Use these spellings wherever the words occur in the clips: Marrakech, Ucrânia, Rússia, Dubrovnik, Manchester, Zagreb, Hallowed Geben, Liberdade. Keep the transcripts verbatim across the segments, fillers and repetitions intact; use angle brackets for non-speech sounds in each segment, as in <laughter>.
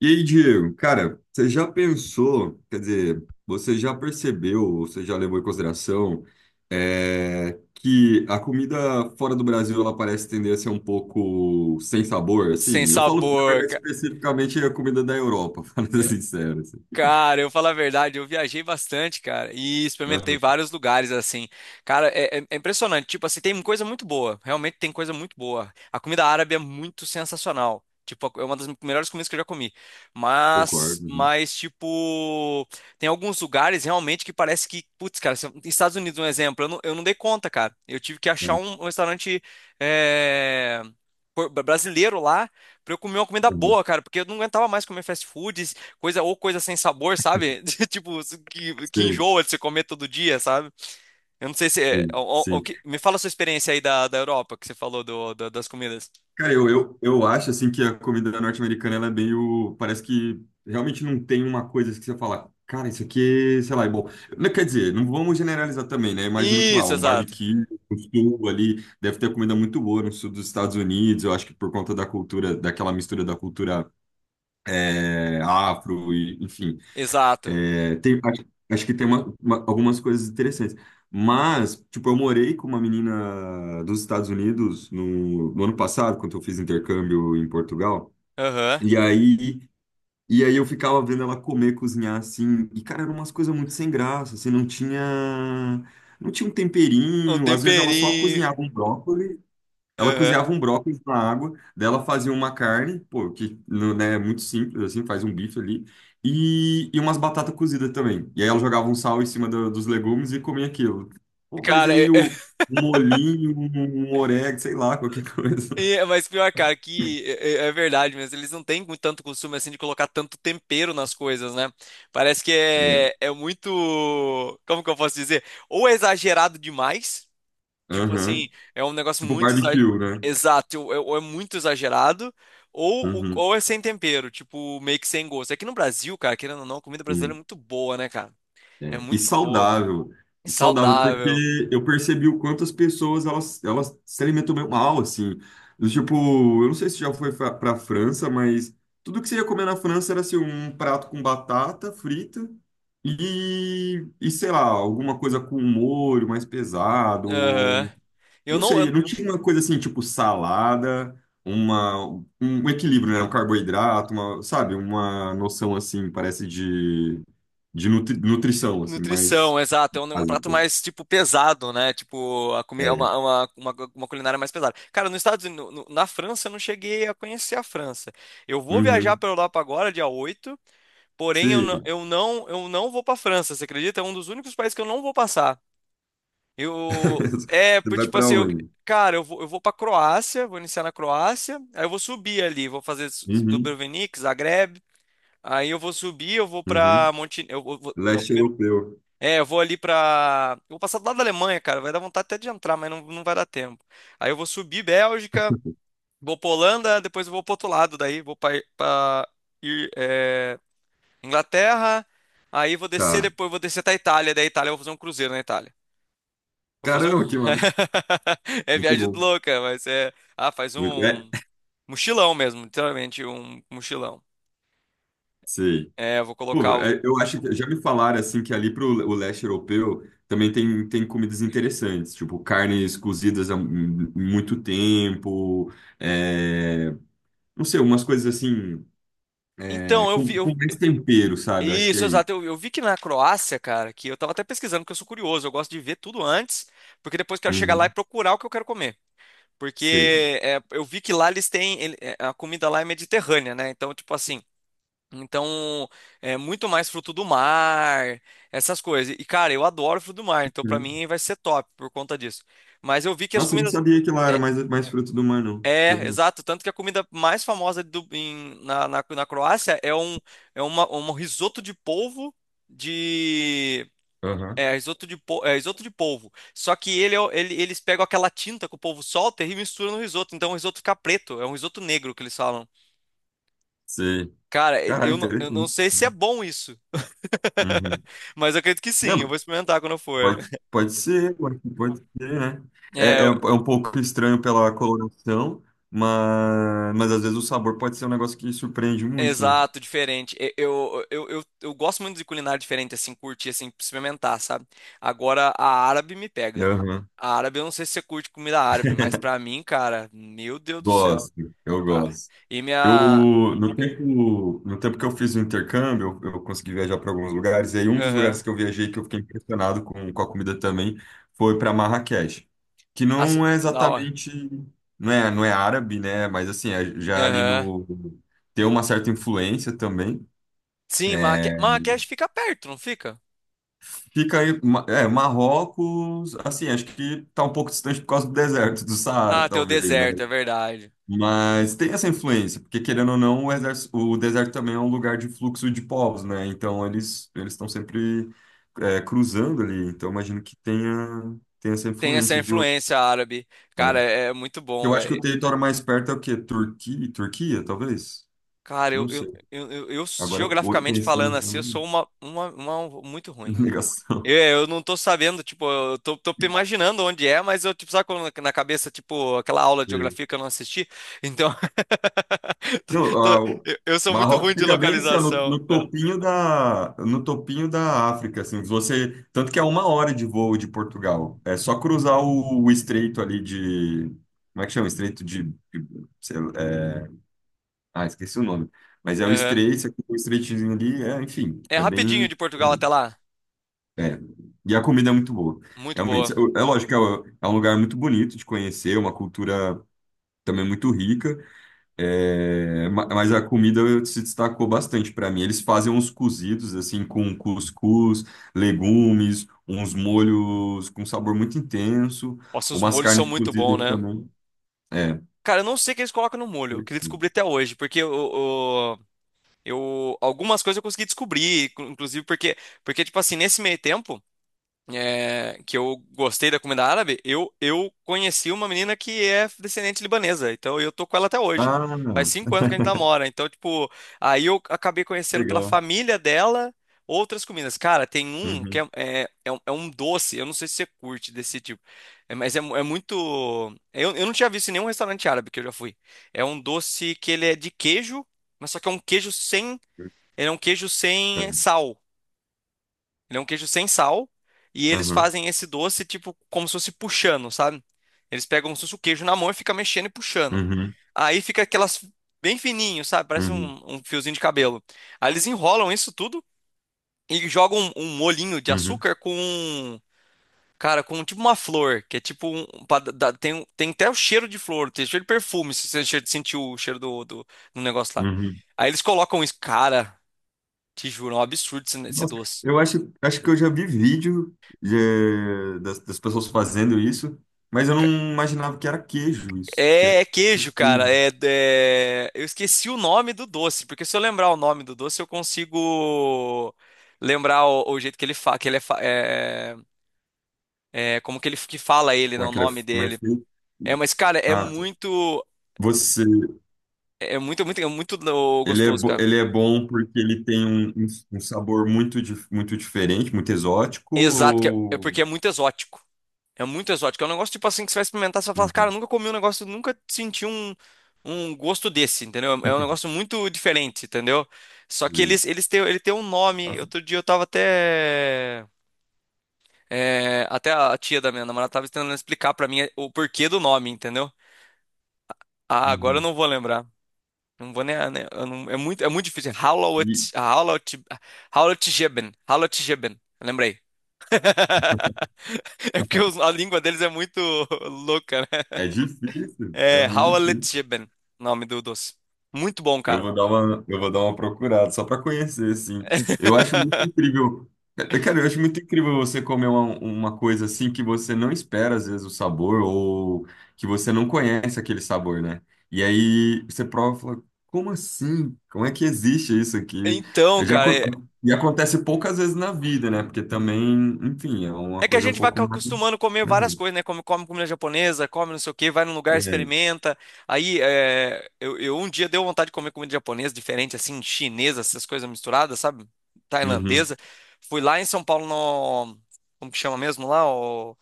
E aí, Diego, cara, você já pensou, quer dizer, você já percebeu, ou você já levou em consideração, é, que a comida fora do Brasil, ela parece tender a ser um pouco sem sabor, Sem assim? Eu falo, na sabor. verdade, especificamente a comida da Europa, <laughs> falando sincero, assim. Cara, eu falo a verdade, eu viajei bastante, cara, e experimentei Aham. vários lugares assim. Cara, é, é- é impressionante. Tipo assim, tem coisa muito boa. Realmente tem coisa muito boa. A comida árabe é muito sensacional. Tipo, é uma das melhores comidas que eu já comi. Mas, Concordo. mas, tipo, tem alguns lugares realmente que parece que, putz, cara, se eu- Estados Unidos, um exemplo, eu não, eu não dei conta, cara. Eu tive que achar Uhum. um, um restaurante, é, por- brasileiro lá pra eu comer uma comida Uhum. boa, cara, porque eu não aguentava mais comer fast food. Coisa ou coisa sem sabor, sabe? <laughs> Tipo, que, que Sim, enjoa de se comer todo dia, sabe? Eu não sei se. É- sim, o- o- o sim. que- Me fala a sua experiência aí da, da Europa, que você falou do, do- das comidas. Cara, eu, eu, eu acho assim que a comida norte-americana ela é meio. Parece que realmente não tem uma coisa que você fala, cara, isso aqui, sei lá, é bom. Não, quer dizer, não vamos generalizar também, né? Imagino que lá, Isso, um exato. barbecue, um sul ali, deve ter comida muito boa no sul dos Estados Unidos. Eu acho que por conta da cultura, daquela mistura da cultura é, afro, e, enfim. Exato. É, tem- acho, acho que tem uma- uma- algumas coisas interessantes. Mas, tipo, eu morei com uma menina dos Estados Unidos no, no ano passado, quando eu fiz intercâmbio em Portugal. Aham. E aí, e aí eu ficava vendo ela comer, cozinhar assim. E, cara, eram umas coisas muito sem graça. Assim, não tinha, não tinha um Um temperinho. Às vezes ela só temperinho. cozinhava um brócolis. Ela Aham. cozinhava um brócolis na água, dela fazia uma carne, pô, que não- né, é muito simples, assim, faz um bife ali, e, e umas batatas cozidas também. E aí ela jogava um sal em cima do- dos legumes e comia aquilo. Pô, mas Cara, é, aí é- o, <laughs> um molhinho, um, um orégano, sei lá, qualquer <laughs> coisa. é, mas pior, cara, que é, é- é verdade mesmo. Eles não têm com tanto costume assim de colocar tanto tempero nas coisas, né? Parece que é, É. é muito. Como que eu posso dizer? Ou é exagerado demais. Tipo assim, Aham. é um negócio Tipo muito exa- barbecue, né? exato, ou é, ou é muito exagerado, ou, o- Uhum, ou é sem tempero, tipo, meio que sem gosto. Aqui no Brasil, cara, querendo ou não, a comida brasileira é sim. muito boa, né, cara? É É, e muito boa, saudável. E saudável, saudável. porque eu percebi o quanto as pessoas elas, elas se alimentam meio mal, assim. Do tipo, eu não sei se já foi fa- pra França, mas tudo que você ia comer na França era assim, um prato com batata frita e, e sei lá, alguma coisa com molho mais Aham. pesado. Eu Não não. eu- sei, não tinha uma coisa assim, tipo salada, uma, um um equilíbrio, né? Um carboidrato, uma, sabe? Uma noção assim, parece de de nutri- de- nutrição, assim, mais Nutrição, exato. É um, é um prato básica. mais, tipo, pesado, né? Tipo, a comida, uma, É. é uma, uma, uma culinária mais pesada. Cara, nos Estados Unidos, no- no- na França, eu não cheguei a conhecer a França. Eu vou viajar Uhum. pra Europa agora, dia oito. Porém, eu não, Sim. eu não, eu não vou para França, você acredita? É um dos únicos países que eu não vou passar. Eu <laughs> é, Você por- vai Tipo para assim, eu, onde? cara, eu vou, eu vou para Croácia, vou iniciar na Croácia, aí eu vou subir ali, vou fazer S- Uhum. Dubrovnik, Zagreb, aí eu vou subir, eu vou Uhum. para Monte, eu vou, vou- não, Leste primeiro, europeu. é, eu vou ali para, eu vou passar do lado da Alemanha, cara, vai dar vontade até de entrar, mas não, não vai dar tempo. Aí eu vou subir Bélgica, vou pra Holanda, depois eu vou pro outro lado daí, vou para Inglaterra, aí vou descer Tá. depois, vou descer até a Itália, da Itália eu vou fazer um cruzeiro na Itália. Vou fazer um. Caramba, que massa. <laughs> É Muito viagem bom. louca, mas é. Ah, faz Muito... É, um mochilão mesmo, literalmente um mochilão. sei. É, eu vou Pô, colocar. O- é, eu acho que já me falaram assim que ali pro o leste europeu também tem, tem comidas interessantes, tipo carnes cozidas há mu- muito tempo, é, não sei, umas coisas assim, é, Então, eu vi. Com, eu- com mais tempero, sabe? Eu acho que é Isso, isso. exato. Eu, eu vi que na Croácia, cara, que eu tava até pesquisando, porque eu sou curioso, eu gosto de ver tudo antes, porque depois eu quero chegar lá e Uhum, procurar o que eu quero comer. sei. Porque é, eu vi que lá eles têm. Ele- é, A comida lá é mediterrânea, né? Então, tipo assim. Então, é muito mais fruto do mar, essas coisas. E, cara, eu adoro fruto do mar, então pra Uhum. mim vai ser top por conta disso. Mas eu vi que as Nossa, eu não comidas. sabia que lá era É, mais, mais fruto do mar, não. Não é, sabia não. Exato. Tanto que a comida mais famosa do- em- na, na, na Croácia é um, é uma, um risoto de polvo de. Aham. É, risoto de, po- é, risoto de polvo. Só que ele, é o- ele- eles pegam aquela tinta que o polvo solta e misturam no risoto. Então o risoto fica preto. É um risoto negro que eles falam. Sei. Cara, Caralho, eu não, eu não interessante. sei se é bom isso. <laughs> Uhum. Mas eu acredito que Não, sim, eu mas vou experimentar quando eu for. pode, pode ser, pode, pode ser, né? É, É, é, eu- um é um pouco estranho pela coloração, mas, mas às vezes o sabor pode ser um negócio que surpreende muito, né? Exato, diferente. E- Eu, eu, eu, eu gosto muito de culinária diferente, assim, curtir, assim, experimentar, sabe? Agora, a árabe me pega. Aham. A árabe, eu não sei se você curte comida árabe, mas pra mim, cara, meu Deus do céu, Gosto, eu cara. gosto. E Eu, minha. no tempo, no tempo que eu fiz o intercâmbio, eu, eu consegui viajar para alguns lugares, e aí um dos lugares Aham. que eu viajei que eu fiquei impressionado com, com a comida também foi para Marrakech, que As- não é Da hora. exatamente, não é, não é árabe, né? Mas assim, é já ali Aham. no, tem uma certa influência também. Sim, Marraque... É, Marrakech fica perto, não fica? fica aí, Ma- é, Marrocos, assim, acho que tá um pouco distante por causa do deserto do Saara, Ah, tem o talvez, né? deserto, é verdade. Mas tem essa influência, porque querendo ou não, o, exército- o deserto também é um lugar de fluxo de povos, né? Então eles eles estão sempre é, cruzando ali. Então imagino que tenha, tenha essa Tem essa influência de outro influência árabe. Cara, lugar. é é muito bom, Eu acho que o velho. território mais perto é o quê? Turquia? Turquia, talvez? Cara, eu, Não eu, sei. eu, eu- eu, Agora, o- geograficamente pensando falando nessa assim, eu sou uma, uma, uma muito <laughs> ruim. negação. Eu, eu não tô sabendo, tipo, eu tô, tô imaginando onde é, mas eu, tipo, sabe quando na cabeça, tipo, aquela aula de geografia que eu não assisti? Então, Não, <laughs> tô- a- o eu, eu sou muito Marrocos ruim de fica bem assim, ó, no, localização. no Ah, topinho da, no topinho da África, assim, você, tanto que é uma hora de voo de Portugal. É só cruzar o, o estreito ali de, como é que chama? Estreito de, de- sei lá, é, ah, esqueci o nome. Mas é o aham. estreito, você cruza o estreitinho ali, é, enfim, É é rapidinho bem, de Portugal até lá. é. E a comida é muito boa. Muito boa. Realmente, é é lógico que é é um lugar muito bonito de conhecer, uma cultura também muito rica. É, ma- mas a comida se destacou bastante para mim. Eles fazem uns cozidos assim com cuscuz, legumes, uns molhos com sabor muito intenso, Nossa, os umas molhos são carnes muito bons, cozidas né? também. É, Cara, eu não sei o que eles colocam no molho. Eu pode queria ser. descobrir até hoje, porque o, eu, algumas coisas eu consegui descobrir, cu- inclusive porque, porque tipo assim, nesse meio tempo é, que eu gostei da comida árabe, eu, eu conheci uma menina que é descendente libanesa, então eu tô com ela até hoje. Ah, Faz cinco anos que a gente namora, então tipo, aí eu acabei conhecendo pela legal. família dela outras comidas. Cara, tem um que Uhum. é, é, é um é um doce, eu não sei se você curte desse tipo, é, mas é, mu- é muito... Eu, eu não tinha visto em nenhum restaurante árabe que eu já fui. É um doce que ele é de queijo, mas só que é um queijo sem ele é um queijo sem sal. Ele é um queijo sem sal. E eles Uhum. Uhum. fazem esse doce, tipo, como se fosse puxando, sabe? Eles pegam como se fosse o queijo na mão e fica mexendo e puxando. Aí fica aquelas bem fininho, sabe? Parece Uhum. um, um fiozinho de cabelo. Aí eles enrolam isso tudo e jogam um, um molhinho de Uhum. açúcar com, cara, com tipo uma flor, que é tipo um, pra dar- tem, um- tem até o cheiro de flor, tem cheiro de perfume, se você che- sentiu o cheiro do, do, do negócio lá. Uhum. Aí eles colocam isso, cara, te juro, é um absurdo esse, esse Nossa, doce. eu acho, acho que eu já vi vídeo eh, das, das pessoas fazendo isso, mas eu não imaginava que era queijo isso, que é É, é queijo, cara. queijo. É, é- Eu esqueci o nome do doce, porque se eu lembrar o nome do doce, eu consigo lembrar o, o jeito que ele fala, que ele é, fa- é- é, como que ele que fala ele, né, Como é o que ele é, nome como é dele. feito? É, mas cara, é Ah, tá. muito, Você, é muito, é muito, é muito no- ele é, gostoso, bo- cara. ele é bom porque ele tem um, um um sabor muito, dif- muito diferente, muito exótico, Exato, que é, é ou... porque é muito exótico. É muito exótico. É um negócio tipo assim que você vai experimentar, você vai falar, cara, eu Uhum. nunca comi um negócio, nunca senti um, um gosto desse, entendeu? É é um negócio <laughs> muito diferente, entendeu? Só que eles, eles têm, ele tem um nome. Nossa, Outro dia eu tava até. É, até a tia da minha namorada tava tentando explicar pra mim o porquê do nome, entendeu? Ah, agora eu uhum. não vou lembrar. Não vou nem. Né, eu não- É muito, é muito difícil. Hallowed, E Hallowed, Hallowed Geben. Hallowed Geben. Lembrei. <laughs> É porque os- a língua deles é muito louca, né? é difícil, é É muito Hallowed difícil. Geben, nome do doce. Muito bom, Eu cara. vou dar uma, eu vou dar uma procurada só para conhecer, assim. Eu acho muito <laughs> incrível. Eu, cara, eu acho muito incrível você comer uma, uma coisa assim que você não espera, às vezes, o sabor, ou que você não conhece aquele sabor, né? E aí você prova e fala, como assim? Como é que existe isso aqui? Então, Eu já, acon- cara. e acontece poucas vezes na vida, né? Porque também, enfim, é uma É que a coisa um gente vai pouco mais. acostumando a comer Né? várias coisas, né? Come, come comida japonesa, come não sei o quê, vai num lugar, É. experimenta. Aí, é, eu, eu um dia deu vontade de comer comida japonesa, diferente, assim, chinesa, essas coisas misturadas, sabe? Uhum. Tailandesa. Fui lá em São Paulo no... Como que chama mesmo lá? O,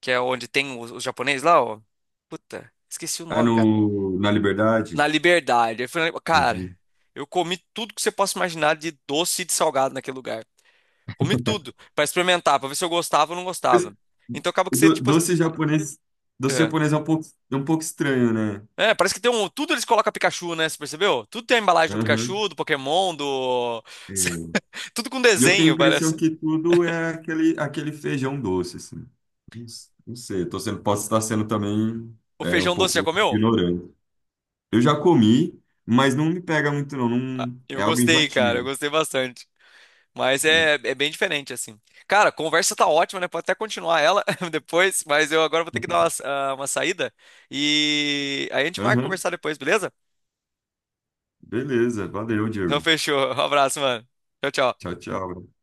que é onde tem os, os japoneses lá, ó. Puta, esqueci o Ah, nome, cara. no, na Liberdade? Na Liberdade. Eu falei, cara, Uhum. eu comi tudo que você possa imaginar de doce e de salgado naquele lugar. Comi tudo pra experimentar, pra ver se eu gostava ou não gostava. Então acaba que você, Do- tipo. doce japonês, doce É. japonês é um pouco, é um pouco estranho, né? É, parece que tem um. Tudo eles colocam Pikachu, né? Você percebeu? Tudo tem a embalagem do Aham. Pikachu, do Pokémon, do. É. <laughs> Tudo com E eu tenho a desenho, impressão parece. que tudo é aquele, aquele feijão doce, assim. Não, s- não sei, tô sendo, posso estar sendo também O é, um feijão doce já pouco comeu? ignorante. Eu já comi, mas não me pega muito, não. Ah, Não- eu é algo gostei, cara. Eu enjoativo. gostei bastante. Mas é, é bem diferente, assim. Cara, a conversa tá ótima, né? Pode até continuar ela <laughs> depois, mas eu agora vou ter que dar uma, <laughs> sa- ah, uma saída. E aí a gente marca Aham. conversar depois, beleza? Beleza, valeu, Então Diego. fechou. <laughs> Um abraço, mano. Tchau, tchau. Tchau, tchau.